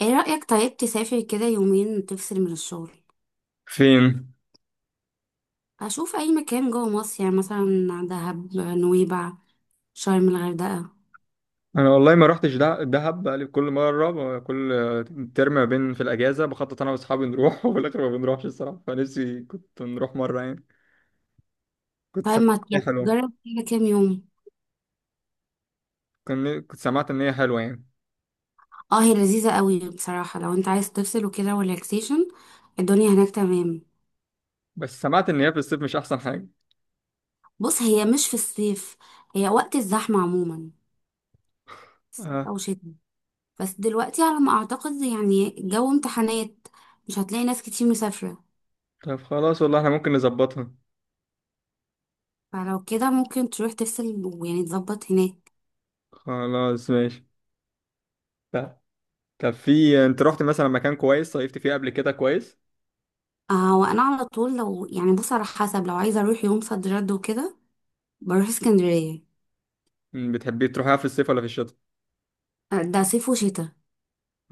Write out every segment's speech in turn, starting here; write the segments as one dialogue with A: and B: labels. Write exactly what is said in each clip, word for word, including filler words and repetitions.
A: ايه رأيك؟ طيب تسافر كده يومين تفصل من الشغل؟
B: فين؟
A: اشوف اي مكان جوه مصر، يعني مثلا دهب، نويبع، شرم، الغردقة.
B: انا والله ما رحتش دع- دهب، بقالي كل مره ب- كل ترم ما بين في الاجازه بخطط انا واصحابي نروح وفي الاخر ما بنروحش الصراحه، فنفسي كنت نروح مره يعني. كنت
A: طيب
B: سمعت
A: ما ت-
B: ان
A: يعني
B: هي حلوه.
A: تجرب كده كام يوم؟
B: كن- كنت سمعت ان هي حلوه يعني.
A: اه، هي لذيذة قوي بصراحة. لو انت عايز تفصل وكده وريلاكسيشن، الدنيا هناك تمام.
B: بس سمعت ان هي في الصيف مش احسن حاجه.
A: بص، هي مش في الصيف، هي وقت الزحمة عموما، صيف
B: اه،
A: او شتاء. بس دلوقتي على ما اعتقد يعني جو امتحانات، مش هتلاقي ناس كتير مسافرة.
B: طب خلاص والله احنا ممكن نظبطها.
A: فلو كده ممكن تروح تفصل، ويعني تظبط هناك.
B: خلاص ماشي. طب طب، في انت رحت مثلا مكان كويس صيفت فيه قبل كده كويس؟
A: آه، وانا على طول لو يعني بص على حسب، لو عايزه اروح يوم صد رد وكده بروح اسكندريه.
B: بتحبي تروحها في الصيف ولا في الشتاء؟
A: آه، ده صيف وشتاء.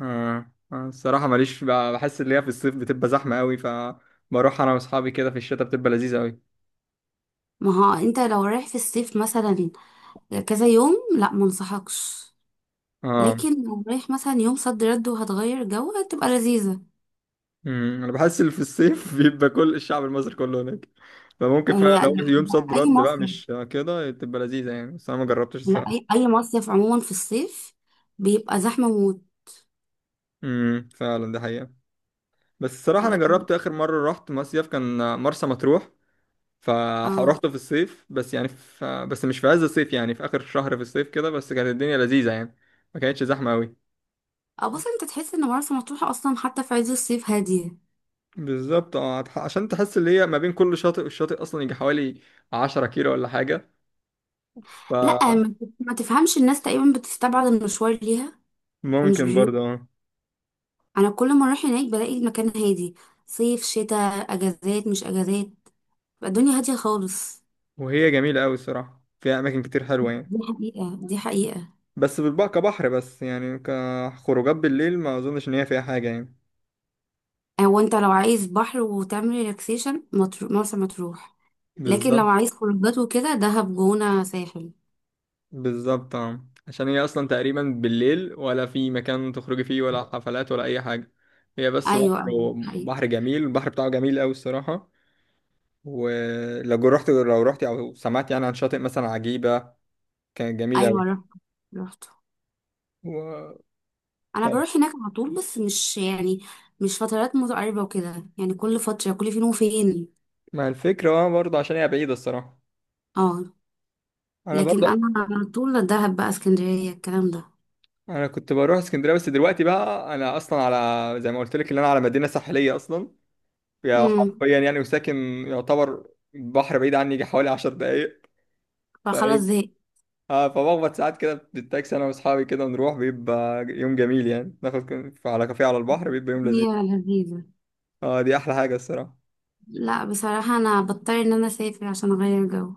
B: آه. آه. الصراحة ماليش بقى، بحس ان هي في الصيف بتبقى زحمة قوي، فبروح انا واصحابي كده في الشتاء بتبقى لذيذة قوي.
A: ما هو انت لو رايح في الصيف مثلا كذا يوم، لا منصحكش.
B: اه.
A: لكن لو رايح مثلا يوم صد رد وهتغير جو، هتبقى لذيذه.
B: مم. انا بحس ان في الصيف بيبقى كل الشعب المصري كله هناك، فممكن
A: هي
B: فعلا
A: ده
B: لو يوم
A: ده
B: صد
A: اي
B: رد بقى
A: مصيف.
B: مش كده تبقى لذيذة يعني، بس انا ما جربتش
A: لا،
B: الصراحة.
A: اي اي مصيف عموما في الصيف بيبقى زحمه موت.
B: امم فعلا دي حقيقة. بس الصراحة انا
A: لكن
B: جربت اخر مرة رحت مصيف كان مرسى مطروح،
A: اه
B: فروحته في الصيف بس يعني في بس مش في عز الصيف، يعني في اخر شهر في الصيف كده، بس كانت الدنيا لذيذة يعني، ما كانتش زحمة قوي.
A: اه بص، انت تحس ان مرسى مطروح اصلا حتى في عز الصيف هاديه.
B: بالظبط اه، هتح- عشان تحس اللي هي ما بين كل شاطئ والشاطئ اصلا يجي حوالي 10 كيلو ولا حاجه،
A: لا، ما ما تفهمش، الناس تقريبا بتستبعد المشوار ليها. فمش
B: فممكن برضه
A: بيو
B: اه.
A: انا كل ما اروح هناك بلاقي المكان هادي، صيف شتاء اجازات مش اجازات، بقى الدنيا هاديه خالص.
B: وهي جميله قوي الصراحه، فيها اماكن كتير حلوه يعني،
A: دي حقيقه، دي حقيقه.
B: بس بالبقى كبحر بس، يعني كخروجات بالليل ما اظنش ان هي فيها حاجه يعني.
A: هو انت لو عايز بحر وتعمل ريلاكسيشن، مطر- مرسى مطروح. لكن لو
B: بالظبط.
A: عايز خروجات وكده، دهب، جونه، ساحل.
B: بالظبط اه، عشان هي اصلا تقريبا بالليل ولا في مكان تخرجي فيه ولا حفلات ولا اي حاجه، هي بس
A: ايوه، ايوه،
B: بحر،
A: حقيقة.
B: بحر جميل، البحر بتاعه جميل قوي الصراحه. ولو رحت لو رحت او سمعت يعني عن شاطئ مثلا عجيبه، كانت جميلة
A: ايوه،
B: أوي.
A: رحت رحت.
B: و...
A: انا
B: طب
A: بروح هناك على طول، بس مش يعني مش فترات متقاربه وكده، يعني كل فتره، كل فين وفين.
B: ما الفكرة بقى برضه عشان هي بعيدة الصراحة.
A: اه.
B: أنا
A: لكن
B: برضه.
A: انا على طول دهب بقى، اسكندريه، الكلام
B: أنا كنت بروح اسكندرية بس دلوقتي بقى، أنا أصلا على زي ما قلت لك إن أنا على مدينة ساحلية أصلا،
A: ده.
B: يعني حرفيا يعني، وساكن يعتبر بحر بعيد عني يجي حوالي 10 دقايق،
A: فخلاص
B: فاهم؟
A: زهقت.
B: آه، فبخبط ساعات كده بالتاكسي أنا وأصحابي كده نروح، بيبقى يوم جميل يعني، ناخد كن- على كافيه على البحر، بيبقى يوم لذيذ.
A: هي لذيذة.
B: أه دي أحلى حاجة الصراحة.
A: لا، بصراحة أنا بضطر إن أنا أسافر عشان أغير جو.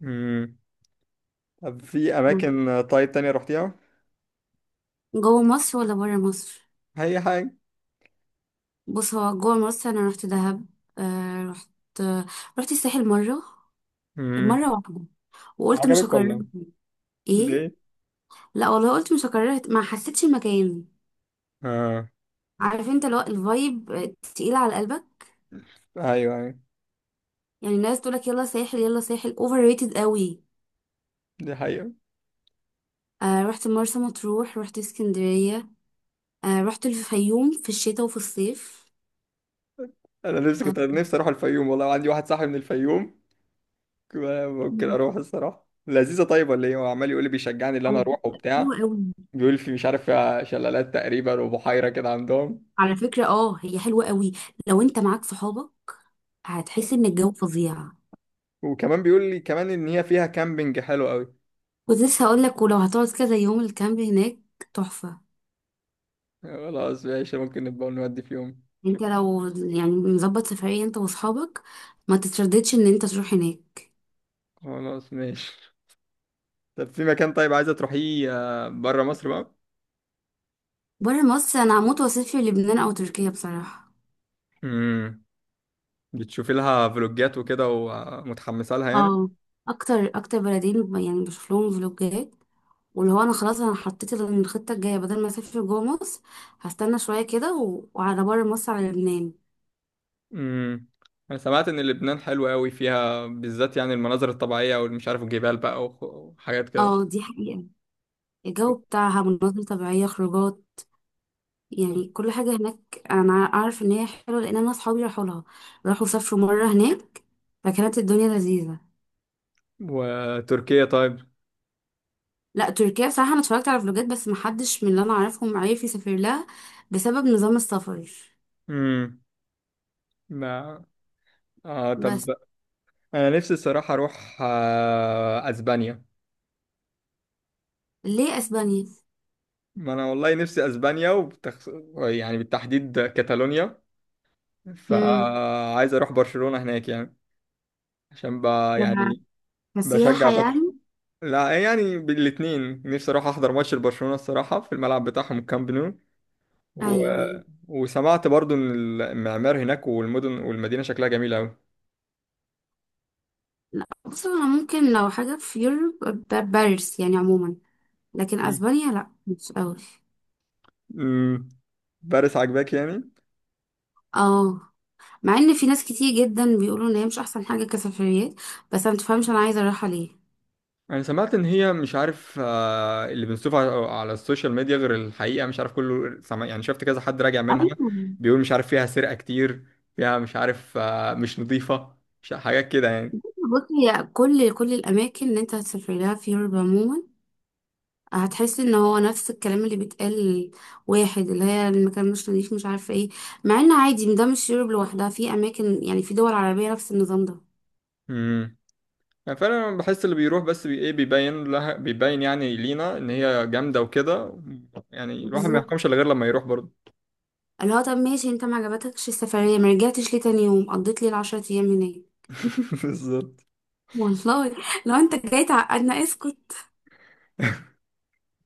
B: مم. طب في
A: مم.
B: أماكن طيب تانية رحتيها؟
A: جوه مصر ولا برا مصر؟
B: أي حاجة.
A: بص، هو جوه مصر أنا رحت دهب. آه، رحت. رحت الساحل مرة،
B: مم.
A: مرة واحدة. وقلت مش
B: عجبك
A: هكررها
B: ولا؟
A: تاني. إيه.
B: ليه؟
A: لا والله، قلت مش هكررها ت- ما حسيتش المكان.
B: اه.
A: عارف انت؟ لو الفايب تقيلة على قلبك،
B: ايوه، ايوه،
A: يعني الناس تقولك يلا ساحل يلا ساحل، اوفر ريتد قوي.
B: دي حقيقة.
A: آه، رحت مرسى مطروح، رحت اسكندرية. آه، رحت الفيوم في الشتاء وفي الصيف.
B: انا نفسي
A: آه.
B: كنت نفسي اروح الفيوم، والله عندي واحد صاحبي من الفيوم، كده ممكن
A: مم.
B: اروح الصراحة لذيذة طيب ولا ايه، هو عمال يقول لي بيشجعني ان انا
A: على
B: اروح
A: فكرة،
B: وبتاع.
A: حلوة قوي.
B: بيقول لي في مش عارف فيها شلالات تقريبا وبحيرة كده عندهم.
A: على فكرة اه هي حلوة قوي. لو انت معاك صحابك هتحس ان الجو فظيع.
B: وكمان بيقول لي كمان ان هي فيها كامبينج حلو قوي.
A: كنت لسه هقول لك، ولو هتقعد كذا يوم، الكامب هناك تحفة.
B: خلاص ماشي، ممكن نبقى نودي في يوم.
A: انت لو يعني مظبط سفرية انت واصحابك، ما تترددش ان انت تروح هناك.
B: خلاص ماشي. طب في مكان طيب عايزة تروحيه آه، برا مصر بقى؟
A: بره مصر، انا هموت واسافر لبنان او تركيا بصراحة.
B: امم بتشوفي لها فلوجات وكده ومتحمسة لها يعني؟
A: اه. اكتر اكتر بلدين ب- يعني بشوف لهم فلوجات. واللي هو انا خلاص، انا حطيت الخطة الجاية بدل ما اسافر جوه مصر، هستنى شوية كده و- وعلى بره مصر، على لبنان.
B: امم انا سمعت ان لبنان حلوة قوي، فيها بالذات يعني المناظر الطبيعية والمش عارف الجبال بقى وخ- وحاجات كده.
A: اه، دي حقيقة. الجو بتاعها، مناظر طبيعية، خروجات، يعني كل حاجة هناك. أنا أعرف إن هي حلوة لأن أنا أصحابي راحوا لها، راحوا سافروا مرة هناك، فكانت الدنيا لذيذة.
B: وتركيا طيب؟
A: لا، تركيا بصراحة أنا اتفرجت على فلوجات، بس محدش من اللي أنا أعرفهم عارف يسافر لها بسبب نظام السفر.
B: امم ما اه
A: بس.
B: طب، انا نفسي الصراحة اروح آه اسبانيا.
A: ليه أسبانيا؟
B: ما انا والله نفسي اسبانيا وبتخص... يعني بالتحديد كاتالونيا،
A: امم.
B: فعايز اروح برشلونة هناك يعني. عشان ب...
A: ك-
B: يعني بشجع
A: كسياحة
B: برشلونة.
A: يعني.
B: لا يعني بالاتنين، نفسي اروح احضر ماتش لبرشلونة الصراحة في الملعب بتاعهم الكامب
A: أيوه،
B: نو.
A: أيوه.
B: وسمعت برضو ان المعمار هناك والمدن والمدينه شكلها جميل قوي.
A: لا بص، أنا ممكن لو حاجة في يوروب، ب- باريس يعني عموما. لكن
B: مم.
A: أسبانيا لا، مش أوي.
B: مم. باريس عجباك يعني؟
A: اه. مع ان في ناس كتير جدا بيقولوا ان هي مش احسن حاجه كسفريات، بس انا متفهمش انا عايزه اروحها ليه.
B: انا سمعت ان هي مش عارف آه، اللي بنشوفه على على السوشيال ميديا غير الحقيقه، مش عارف كله سمع يعني، شفت كذا حد راجع منها،
A: ايوه.
B: بيقول مش عارف فيها سرقه كتير، فيها مش عارف آه، مش نظيفه، مش حاجات كده يعني.
A: بصي، هي كل كل الاماكن اللي انت هتسافر لها في يوروب عموما، هتحس ان هو نفس الكلام اللي بيتقال. واحد اللي هي المكان مش نضيف، مش عارفه ايه. مع ان عادي، ده مش يوروب لوحدها، في اماكن، يعني في دول عربيه نفس النظام ده.
B: امم يعني فعلا أنا بحس اللي بيروح بس بي ايه بيبين لها، بيبين يعني لينا ان هي جامده وكده، يعني الواحد ما
A: بالظبط.
B: يحكمش الا غير لما يروح برضه.
A: اللي هو طب ماشي، انت ما عجبتكش السفريه، ما رجعتش ليه تاني يوم، قضيت لي العشرة ايام هناك.
B: بالظبط.
A: والله. لو انت جاي تعقدنا اسكت.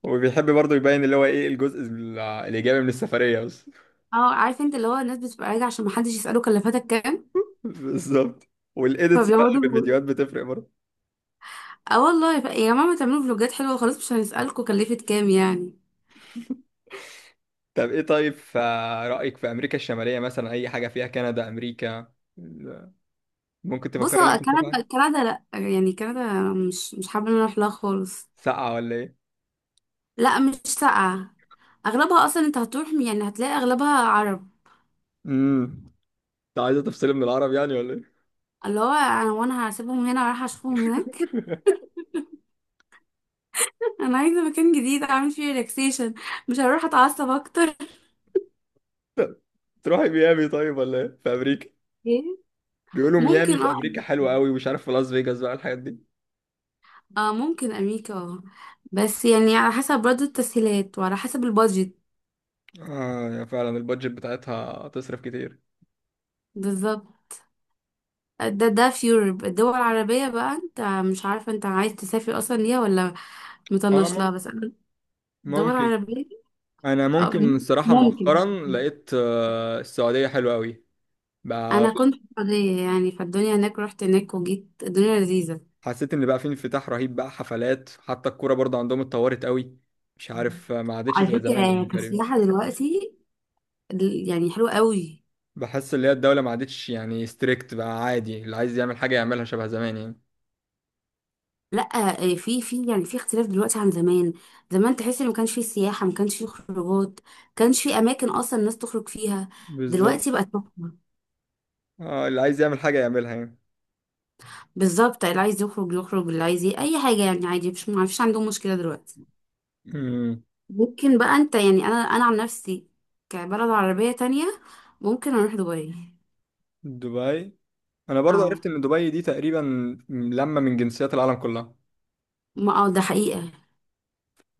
B: وبيحب برضه يبين اللي هو ايه الجزء ال- الايجابي من السفريه بس
A: اه، عارف انت، اللي هو الناس بتبقى راجعه عشان محدش يساله كلفتك كام،
B: بالظبط. والايديتس بقى اللي في
A: فبيقعدوا.
B: الفيديوهات بتفرق برضه.
A: اه والله، ف... يا ماما تعملوا فلوجات حلوه خلاص، مش هنسالكم كلفت كام يعني.
B: طب ايه طيب، في رايك في امريكا الشماليه مثلا، اي حاجه فيها، كندا، امريكا ال- ممكن
A: بص،
B: تفكر ان
A: هو
B: انت تروحها؟
A: كندا، كندا لا يعني، كندا مش مش حابه ان انا اروح لها خالص.
B: ساقعه ولا ايه؟
A: لا، مش ساقعه. اغلبها اصلا انت هتروح يعني هتلاقي اغلبها عرب.
B: امم انت عايزه تفصلي من العرب يعني ولا ايه؟
A: اللي هو انا، وانا هسيبهم هنا ورايحه اشوفهم هناك. انا عايزه مكان جديد اعمل فيه ريلاكسيشن، مش هروح اتعصب اكتر.
B: طب تروحي ميامي طيب ولا ايه في امريكا؟
A: ايه.
B: بيقولوا ميامي
A: ممكن،
B: في
A: اه
B: امريكا حلوه
A: أمريكا.
B: قوي، ومش عارف في لاس فيجاس بقى الحاجات دي.
A: اه، ممكن امريكا، اه. بس يعني على حسب برضه التسهيلات وعلى حسب البادجت.
B: اه يا فعلا البادجت بتاعتها تصرف كتير.
A: بالظبط. ده ده في يوروب الدول العربية بقى. انت مش عارفة انت عايز تسافر اصلا ليها ولا
B: اه
A: مطنش لها،
B: ممكن،
A: بس انا الدول
B: ممكن.
A: العربية.
B: انا
A: اه،
B: ممكن الصراحه
A: ممكن.
B: مؤخرا لقيت آه، السعوديه حلوه قوي بقى،
A: انا كنت في السعودية، يعني فالدنيا هناك، رحت هناك وجيت الدنيا لذيذة.
B: حسيت ان بقى في انفتاح رهيب، بقى حفلات، حتى الكوره برضه عندهم اتطورت قوي، مش عارف آه، ما عادتش
A: على
B: زي زمان
A: فكرة
B: يعني تقريبا.
A: كسياحة دلوقتي دل- يعني حلوة قوي.
B: بحس ان هي الدوله ما عادتش يعني ستريكت، بقى عادي اللي عايز يعمل حاجه يعملها شبه زمان يعني.
A: لا، آه، في في يعني في اختلاف دلوقتي عن زمان. زمان تحس ان ما كانش في سياحه، ما كانش في خروجات، ما كانش في اماكن اصلا الناس تخرج فيها.
B: بالظبط
A: دلوقتي بقت مفتوحة.
B: اه، اللي عايز يعمل حاجه يعملها يعني.
A: بالظبط، اللي عايز يخرج يخرج، اللي عايز ي- اي حاجه يعني، عادي، مش ما فيش عندهم مشكله دلوقتي.
B: امم
A: ممكن بقى انت يعني انا انا عن نفسي، كبلد عربيه تانية، ممكن اروح دبي.
B: دبي. انا برضه
A: اه.
B: عرفت ان دبي دي تقريبا لما من جنسيات العالم كلها،
A: ما اه ده حقيقه.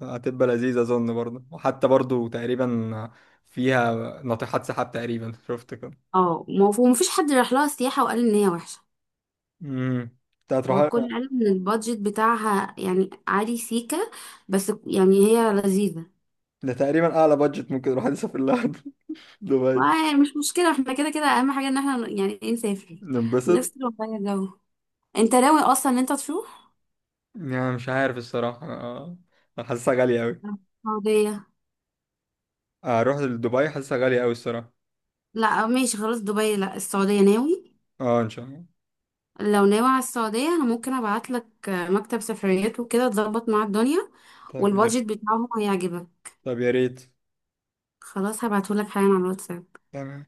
B: هتبقى لذيذة أظن برضه، وحتى برضه تقريبا فيها ناطحات سحاب تقريبا شفت كده.
A: اه ما هو مفيش حد راح لها سياحه وقال ان هي وحشه.
B: امم انت هتروح.
A: هو كل علم ان البادجت بتاعها يعني عالي سيكا، بس يعني هي لذيذة.
B: ده تقريبا أعلى بادجت ممكن الواحد يسافر لها دبي.
A: ومش مشكلة، احنا كده كده اهم حاجة ان احنا يعني ايه نسافر،
B: ننبسط.
A: نفصل ونغير جو. انت ناوي اصلا ان انت تروح
B: يعني مش عارف الصراحة أنا، أنا حاسسها غالية أوي،
A: السعودية؟
B: أروح لدبي حاسسها غالية أوي الصراحة.
A: لا ماشي خلاص، دبي لا، السعودية ناوي.
B: أه إن شاء الله.
A: لو ناوي على السعودية انا ممكن ابعت لك مكتب سفريات وكده، تظبط مع الدنيا،
B: طب يا
A: والبادجت
B: ريت.
A: بتاعهم هيعجبك.
B: طب يا ريت.
A: خلاص، هبعته لك حالا على الواتساب.
B: تمام.